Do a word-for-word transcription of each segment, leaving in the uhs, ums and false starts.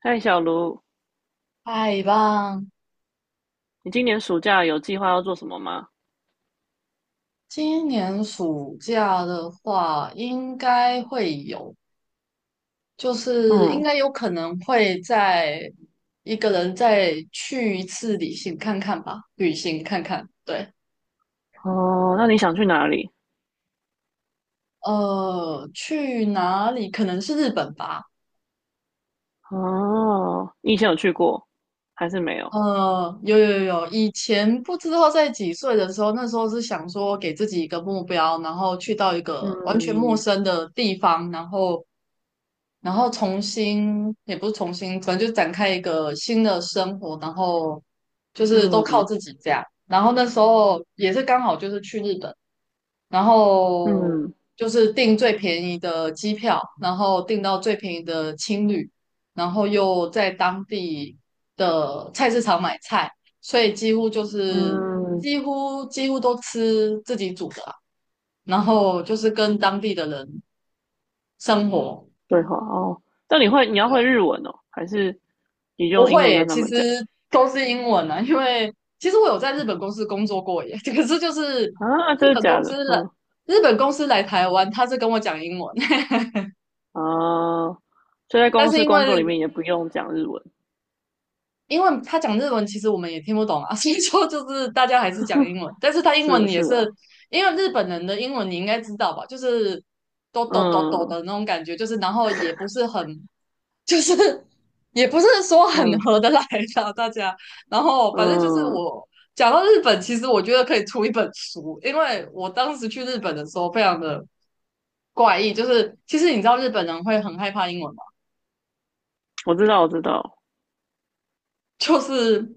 嗨，小卢，太棒！你今年暑假有计划要做什么吗？今年暑假的话，应该会有，就是应嗯，该有可能会再一个人再去一次旅行看看吧，旅行看看。对，哦，那你想去哪里？呃，去哪里？可能是日本吧。哦，你以前有去过，还是没有？呃，有有有，以前不知道在几岁的时候，那时候是想说给自己一个目标，然后去到一个完全陌嗯生的地方，然后然后重新也不是重新，可能就展开一个新的生活，然后就是都靠嗯自己这样。然后那时候也是刚好就是去日本，然后嗯就是订最便宜的机票，然后订到最便宜的青旅，然后又在当地的菜市场买菜，所以几乎就是嗯，几乎几乎都吃自己煮的啊，然后就是跟当地的人生活。对话哦。那你会，你要会对日文哦，还是你不用英会文耶，跟他其们讲？实都是英文啊，因为其实我有在日本公司工作过耶，可是就是啊，真日的本假公的？司来，嗯日本公司来台湾，他是跟我讲英文，啊。所以在 但公是司因工作为里面也不用讲日文。因为他讲日文，其实我们也听不懂啊，所以说就是大家还是讲英文，但是他英文是也是啊，是，因为日本人的英文你应该知道吧，就是哆哆哆哆嗯的那种感觉，就是然后也不是很就是也不是说很嗯合得来的大家。然后反正就是嗯，我讲到日本，其实我觉得可以出一本书，因为我当时去日本的时候非常的怪异，就是其实你知道日本人会很害怕英文吗？我知道我知道，就是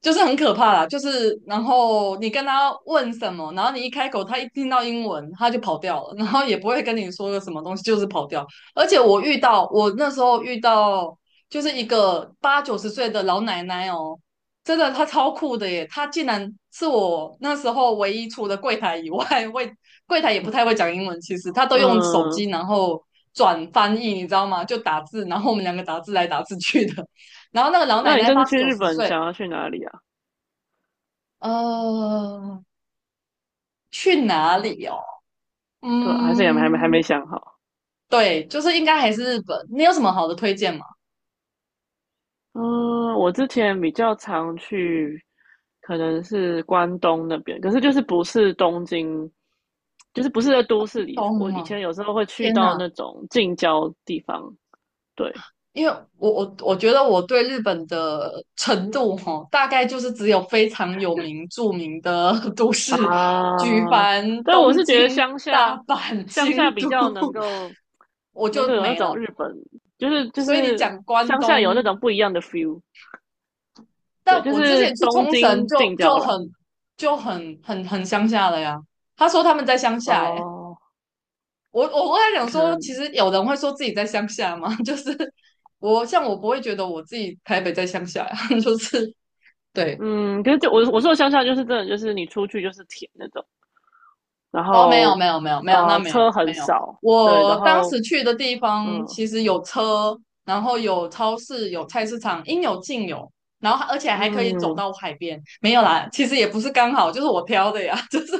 就是很可怕啦，就是然后你跟他问什么，然后你一开口，他一听到英文他就跑掉了，然后也不会跟你说个什么东西，就是跑掉。而且我遇到我那时候遇到就是一个八九十岁的老奶奶哦，真的她超酷的耶，她竟然是我那时候唯一除了柜台以外，会柜台也不太会讲英文，其实她都用手机嗯然后转翻译，你知道吗？就打字，然后我们两个打字来打字去的。然后那个老奶那你奶这次八十去九日十本岁。想要去哪里啊？呃，去哪里哦？对啊，还是也还没还没嗯，想好。对，就是应该还是日本。你有什么好的推荐吗？嗯，我之前比较常去，可能是关东那边，可是就是不是东京，就是不是在都市里。我东以啊，前有时候会去天到哪！那种近郊地方，对因为我我我觉得我对日本的程度哈，大概就是只有非常有名著名的 都市，啊，举凡但我东是觉得京、乡大下，阪、乡下京比都，较能够 我能就够有那没种了。日本，就是就所以你是讲关乡下有那东，种不一样的 feel，对，但就我之是前去东冲绳京就近就郊很啦。就很很很乡下了呀。他说他们在乡下、欸，哦，我我我在想可说，能其实有人会说自己在乡下嘛，就是我像我不会觉得我自己台北在乡下呀，就是对嗯，可是就我我说的乡下就是真的就是你出去就是田那种，然哦，没有后没有没有没有，那啊没有车很没有，少，对，然我当后时去的地方嗯其实有车，然后有超市，有菜市场，应有尽有，然后而且还可以走嗯到海边，没有啦，其实也不是刚好，就是我挑的呀，就是就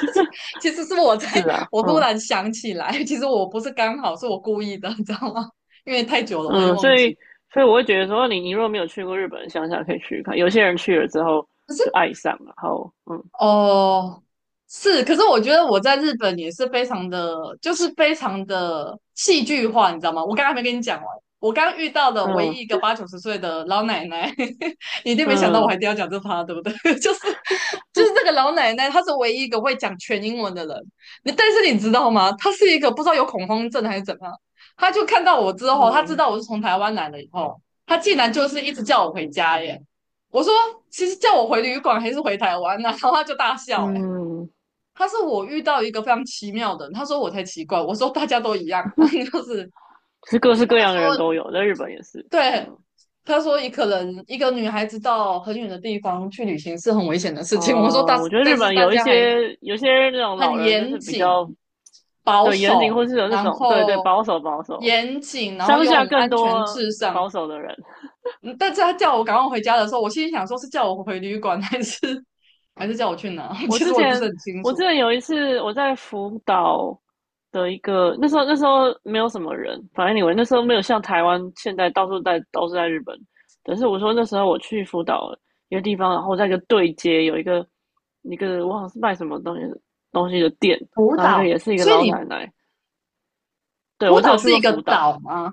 是其实是我在是啊，我突嗯然想起来，其实我不是刚好，是我故意的，你知道吗？因为太久了，我已经嗯，忘所记。以所以我会觉得说你你如果没有去过日本的乡下，可以去看，有些人去了之后就爱上，然后嗯哦，是，可是我觉得我在日本也是非常的，就是非常的戏剧化，你知道吗？我刚刚还没跟你讲完，我刚遇到的唯一一嗯个八九十岁的老奶奶，你一定没想到我还嗯一定要讲这趴，对不对？就是就是这个老奶奶，她是唯一一个会讲全英文的人。你但是你知道吗？她是一个不知道有恐慌症还是怎么样，她就看到我之后，她知嗯道我是从台湾来的以后，她竟然就是一直叫我回家耶。我说，其实叫我回旅馆还是回台湾呢、啊然后他就大笑、欸，哎嗯，他说我遇到一个非常奇妙的人，他说我才奇怪，我说大家都一样，就是其实各式各他样的人说都有，在日本也是。对，嗯，他说一可能一个女孩子到很远的地方去旅行是很危险的事情。我说大，呃，我觉得但日是本大有一家还些有些那种很老人就严是比谨、较保对，严谨守，或是有这然种对对后保守保守，严谨，然后乡又很下更安全多至上。保守的人。嗯但是他叫我赶快回家的时候，我心里想说是叫我回旅馆还是 还是叫我去哪？我其实之我也不是前很清我之楚。前有一次我在福岛的一个那时候那时候没有什么人，反正你们那时候没有像台湾现在到处在都是在日本，但是我说那时候我去福岛一个地方，然后在一个对街有一个一个我好像是卖什么东西东西的店，福然后一个岛，也是一个所以老你奶奶，对福我只岛有去是过一个福岛，岛吗？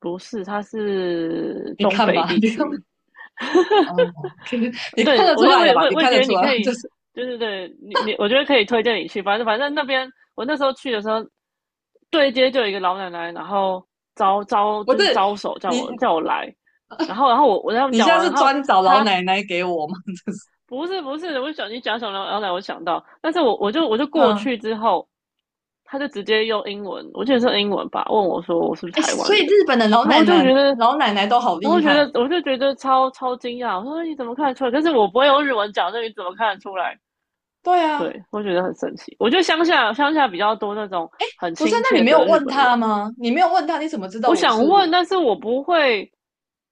不是，它是你东看北吧，地你看，区。哦可以，你看对，得出我觉得来我了也吧？会，你我也看觉得得出你来，可以，就是对对对，你你，我觉得可以推荐你去。反正反正那边，我那时候去的时候，对接就有一个老奶奶，然后招招不就是是招手叫我你叫我来，然后然后我我跟他们你现讲在完，然是后专找老他奶奶给我吗？就是，不是不是，我想你讲什么老奶奶，我想到，但是我我就我就过嗯，去之后，他就直接用英文，我记得是英文吧，问我说我是不是哎，台湾所人，以日本的老然后奶我就奶觉得老奶奶都好然厉后觉得害，我就觉得超超惊讶，我说你怎么看得出来？可是我不会用日文讲，那你怎么看得出来？对啊，对，我觉得很神奇。我觉得乡下乡下比较多那种很不是？亲那你切没有的日问本人。他吗？你没有问他，你怎么知道我我是？想问，但是我不会。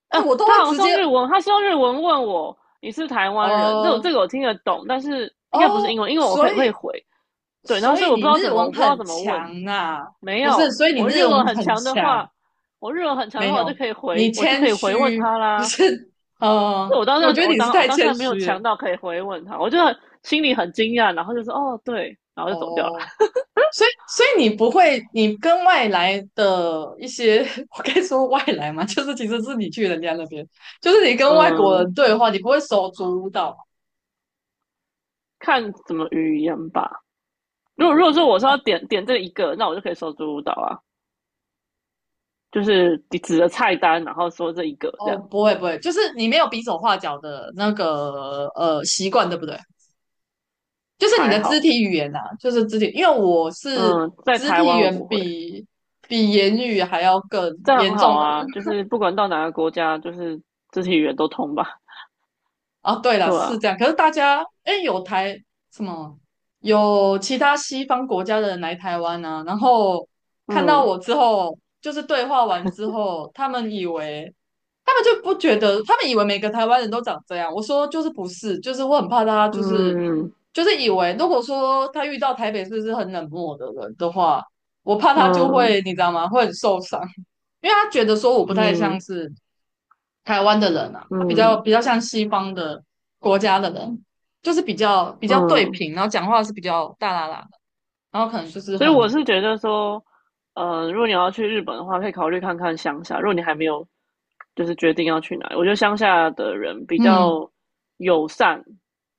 呃哎，啊，我都他会好像直是接，用日文，他是用日文问我你是台湾人，这我这哦个我听得懂，但是应该不是哦，英文，因为我所会会以回。对，然后所所以以我不你知道日怎么，我文不知道很怎么问。强啊，没不是？有，所以你我日日文文很很强的强。话，我日文很强的没话，我就有，可以你回，我就谦可以回问虚，他就啦。是呃，我当下我觉得我你是当我太当谦下没有虚了强到可以回问他，我就心里很惊讶，然后就说哦对，然后就走掉了。哦。所以，所以你不会，你跟外来的一些，我该说外来嘛，就是其实是你去人家那边，就是你跟外国嗯，人对话，你不会手足舞蹈吗看怎么语言吧。如果如果说我说要点点这一个，那我就可以说足舞蹈啊，就是指着菜单，然后说这一个这哦，样不会不会，就是你没有比手画脚的那个呃习惯，对不对？就是你还的肢好。体语言啊，就是肢体，因为我是嗯，在肢台体语湾我言不会，比比言语还要更这很严好重的。啊，就是不管到哪个国家，就是肢体语言都通吧。啊，对了，对是啊，这样。可是大家，哎，有台什么，有其他西方国家的人来台湾啊，然后看到嗯我之后，就是对话完之后，他们以为，他们就不觉得，他们以为每个台湾人都长这样。我说就是不是，就是我很怕他，就是嗯就是以为，如果说他遇到台北市是很冷漠的人的话，我怕他就嗯会，你知道吗？会很受伤，因为他觉得说我不太像嗯是。台湾的人啊，他比较嗯比较像西方的国家的人，就是比较比较对嗯，平，然后讲话是比较大啦啦的，然后可能就是所以我很是觉得说，呃，如果你要去日本的话，可以考虑看看乡下。如果你还没有就是决定要去哪里，我觉得乡下的人比嗯，较友善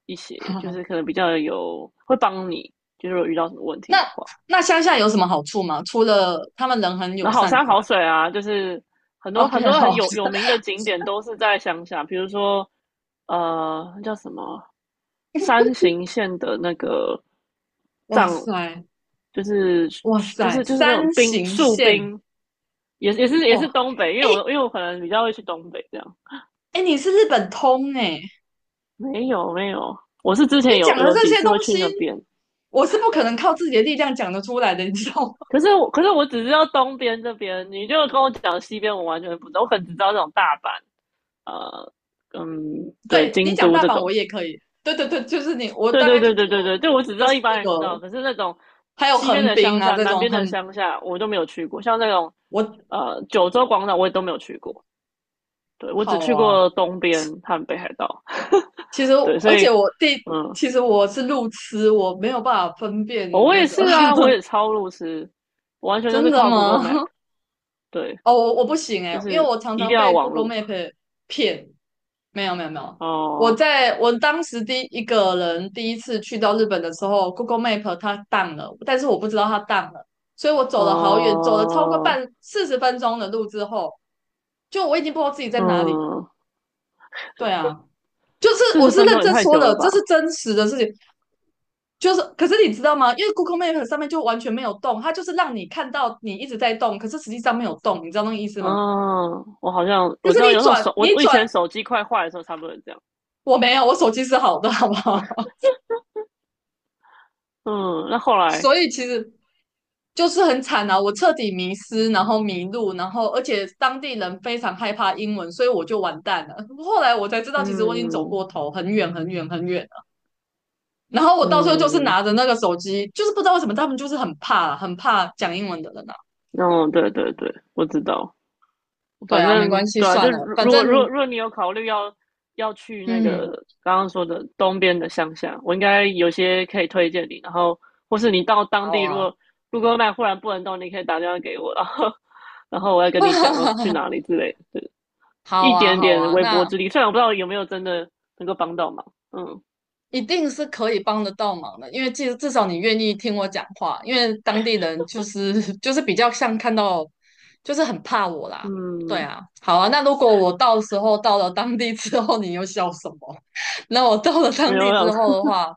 一些，就是可 能比较有会帮你，就是如果遇到什么问题那的话。那乡下有什么好处吗？除了他们人很那友好善山之外好水啊，就是很多，OK，很多好，很有有名的景点都是在乡下，比如说呃那叫什么山形县的那个哇藏，塞，就是哇就塞，是就是那种山冰形树县，冰也也是也哇，是东北，因为哎、我因为我可能比较会去东北这样。哎、你是日本通哎、没有没有，我是之你前有讲的有这几些次东会去西，那边，我是不可能靠自己的力量讲得出来的，你知道吗？可是我可是我只知道东边这边，你就跟我讲西边，我完全不知道，我可能只知道这种大阪，呃，嗯，对，对你京讲都大这阪我种。也可以，对对对，就是你，我对大对概就对只对对有对，就我只知这道一四般人知道，个，可是那种还有西边横的滨乡啊下、这南种边的很乡下，我都没有去过。像那种我呃九州广场，我也都没有去过。对我只好去啊。过东边和北海道。其实对，所而以且我第嗯，其实我是路痴，我没有办法分辨哦，我那也个，是啊，我也超路痴，我完 全就真是的靠 Google Map。吗？对，哦，我我不行就诶，因为是我常一常定要被 网 Google 路。Map 骗。没有没有没有，我哦，在我当时第一个人第一次去到日本的时候，Google Map 它 down 了，但是我不知道它 down 了，所以我走了好远，走了超过哦，半四十分钟的路之后，就我已经不知道自己在哪里了。嗯，对啊，就是四我十是分认钟也真太说久的，了这是吧？真实的事情。就是可是你知道吗？因为 Google Map 上面就完全没有动，它就是让你看到你一直在动，可是实际上没有动，你知道那个意思吗？嗯，我好像可我是知道你有那种转手，我你我以转前手机快坏的时候差不多是这样。我没有，我手机是好的，好不好？嗯，那后来，所以其实就是很惨啊，我彻底迷失，然后迷路，然后而且当地人非常害怕英文，所以我就完蛋了。后来我才知道，其实我已经走嗯过头，很远很远很远了。然后我到最候就是嗯，拿着那个手机，就是不知道为什么他们就是很怕，很怕讲英文的人啊。哦，对对对，我知道。对反啊，没正关系，对啊，算就了，如反如果如正果如果你有考虑要要去那嗯，个刚刚说的东边的乡下，我应该有些可以推荐你。然后，或是你到当好地，如啊，果 g o o g 忽然不能动，你可以打电话给我，然后然后我要跟你讲要去 哪里之类的，好一啊，点好点啊，微薄那之力。虽然我不知道有没有真的能够帮到忙，嗯一定是可以帮得到忙的，因为至至少你愿意听我讲话，因为当地人就是 就是比较像看到，就是很怕我啦。对嗯，啊，好啊，那如果我到时候到了当地之后，你又笑什么？那我到了没当地有之后想，的话，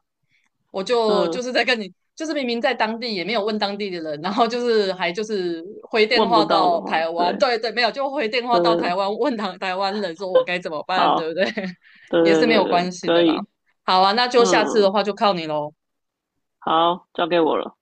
我就就嗯，是在跟你，就是明明在当地也没有问当地的人，然后就是还就是回电问不话到的到话，台湾，对，对对，没有就回电话到嗯，台湾问台台湾人说我该怎么办，对不好，对？对也是对没对有关对，系可的以，啦。好啊，那就下次的嗯，话就靠你喽。好，交给我了。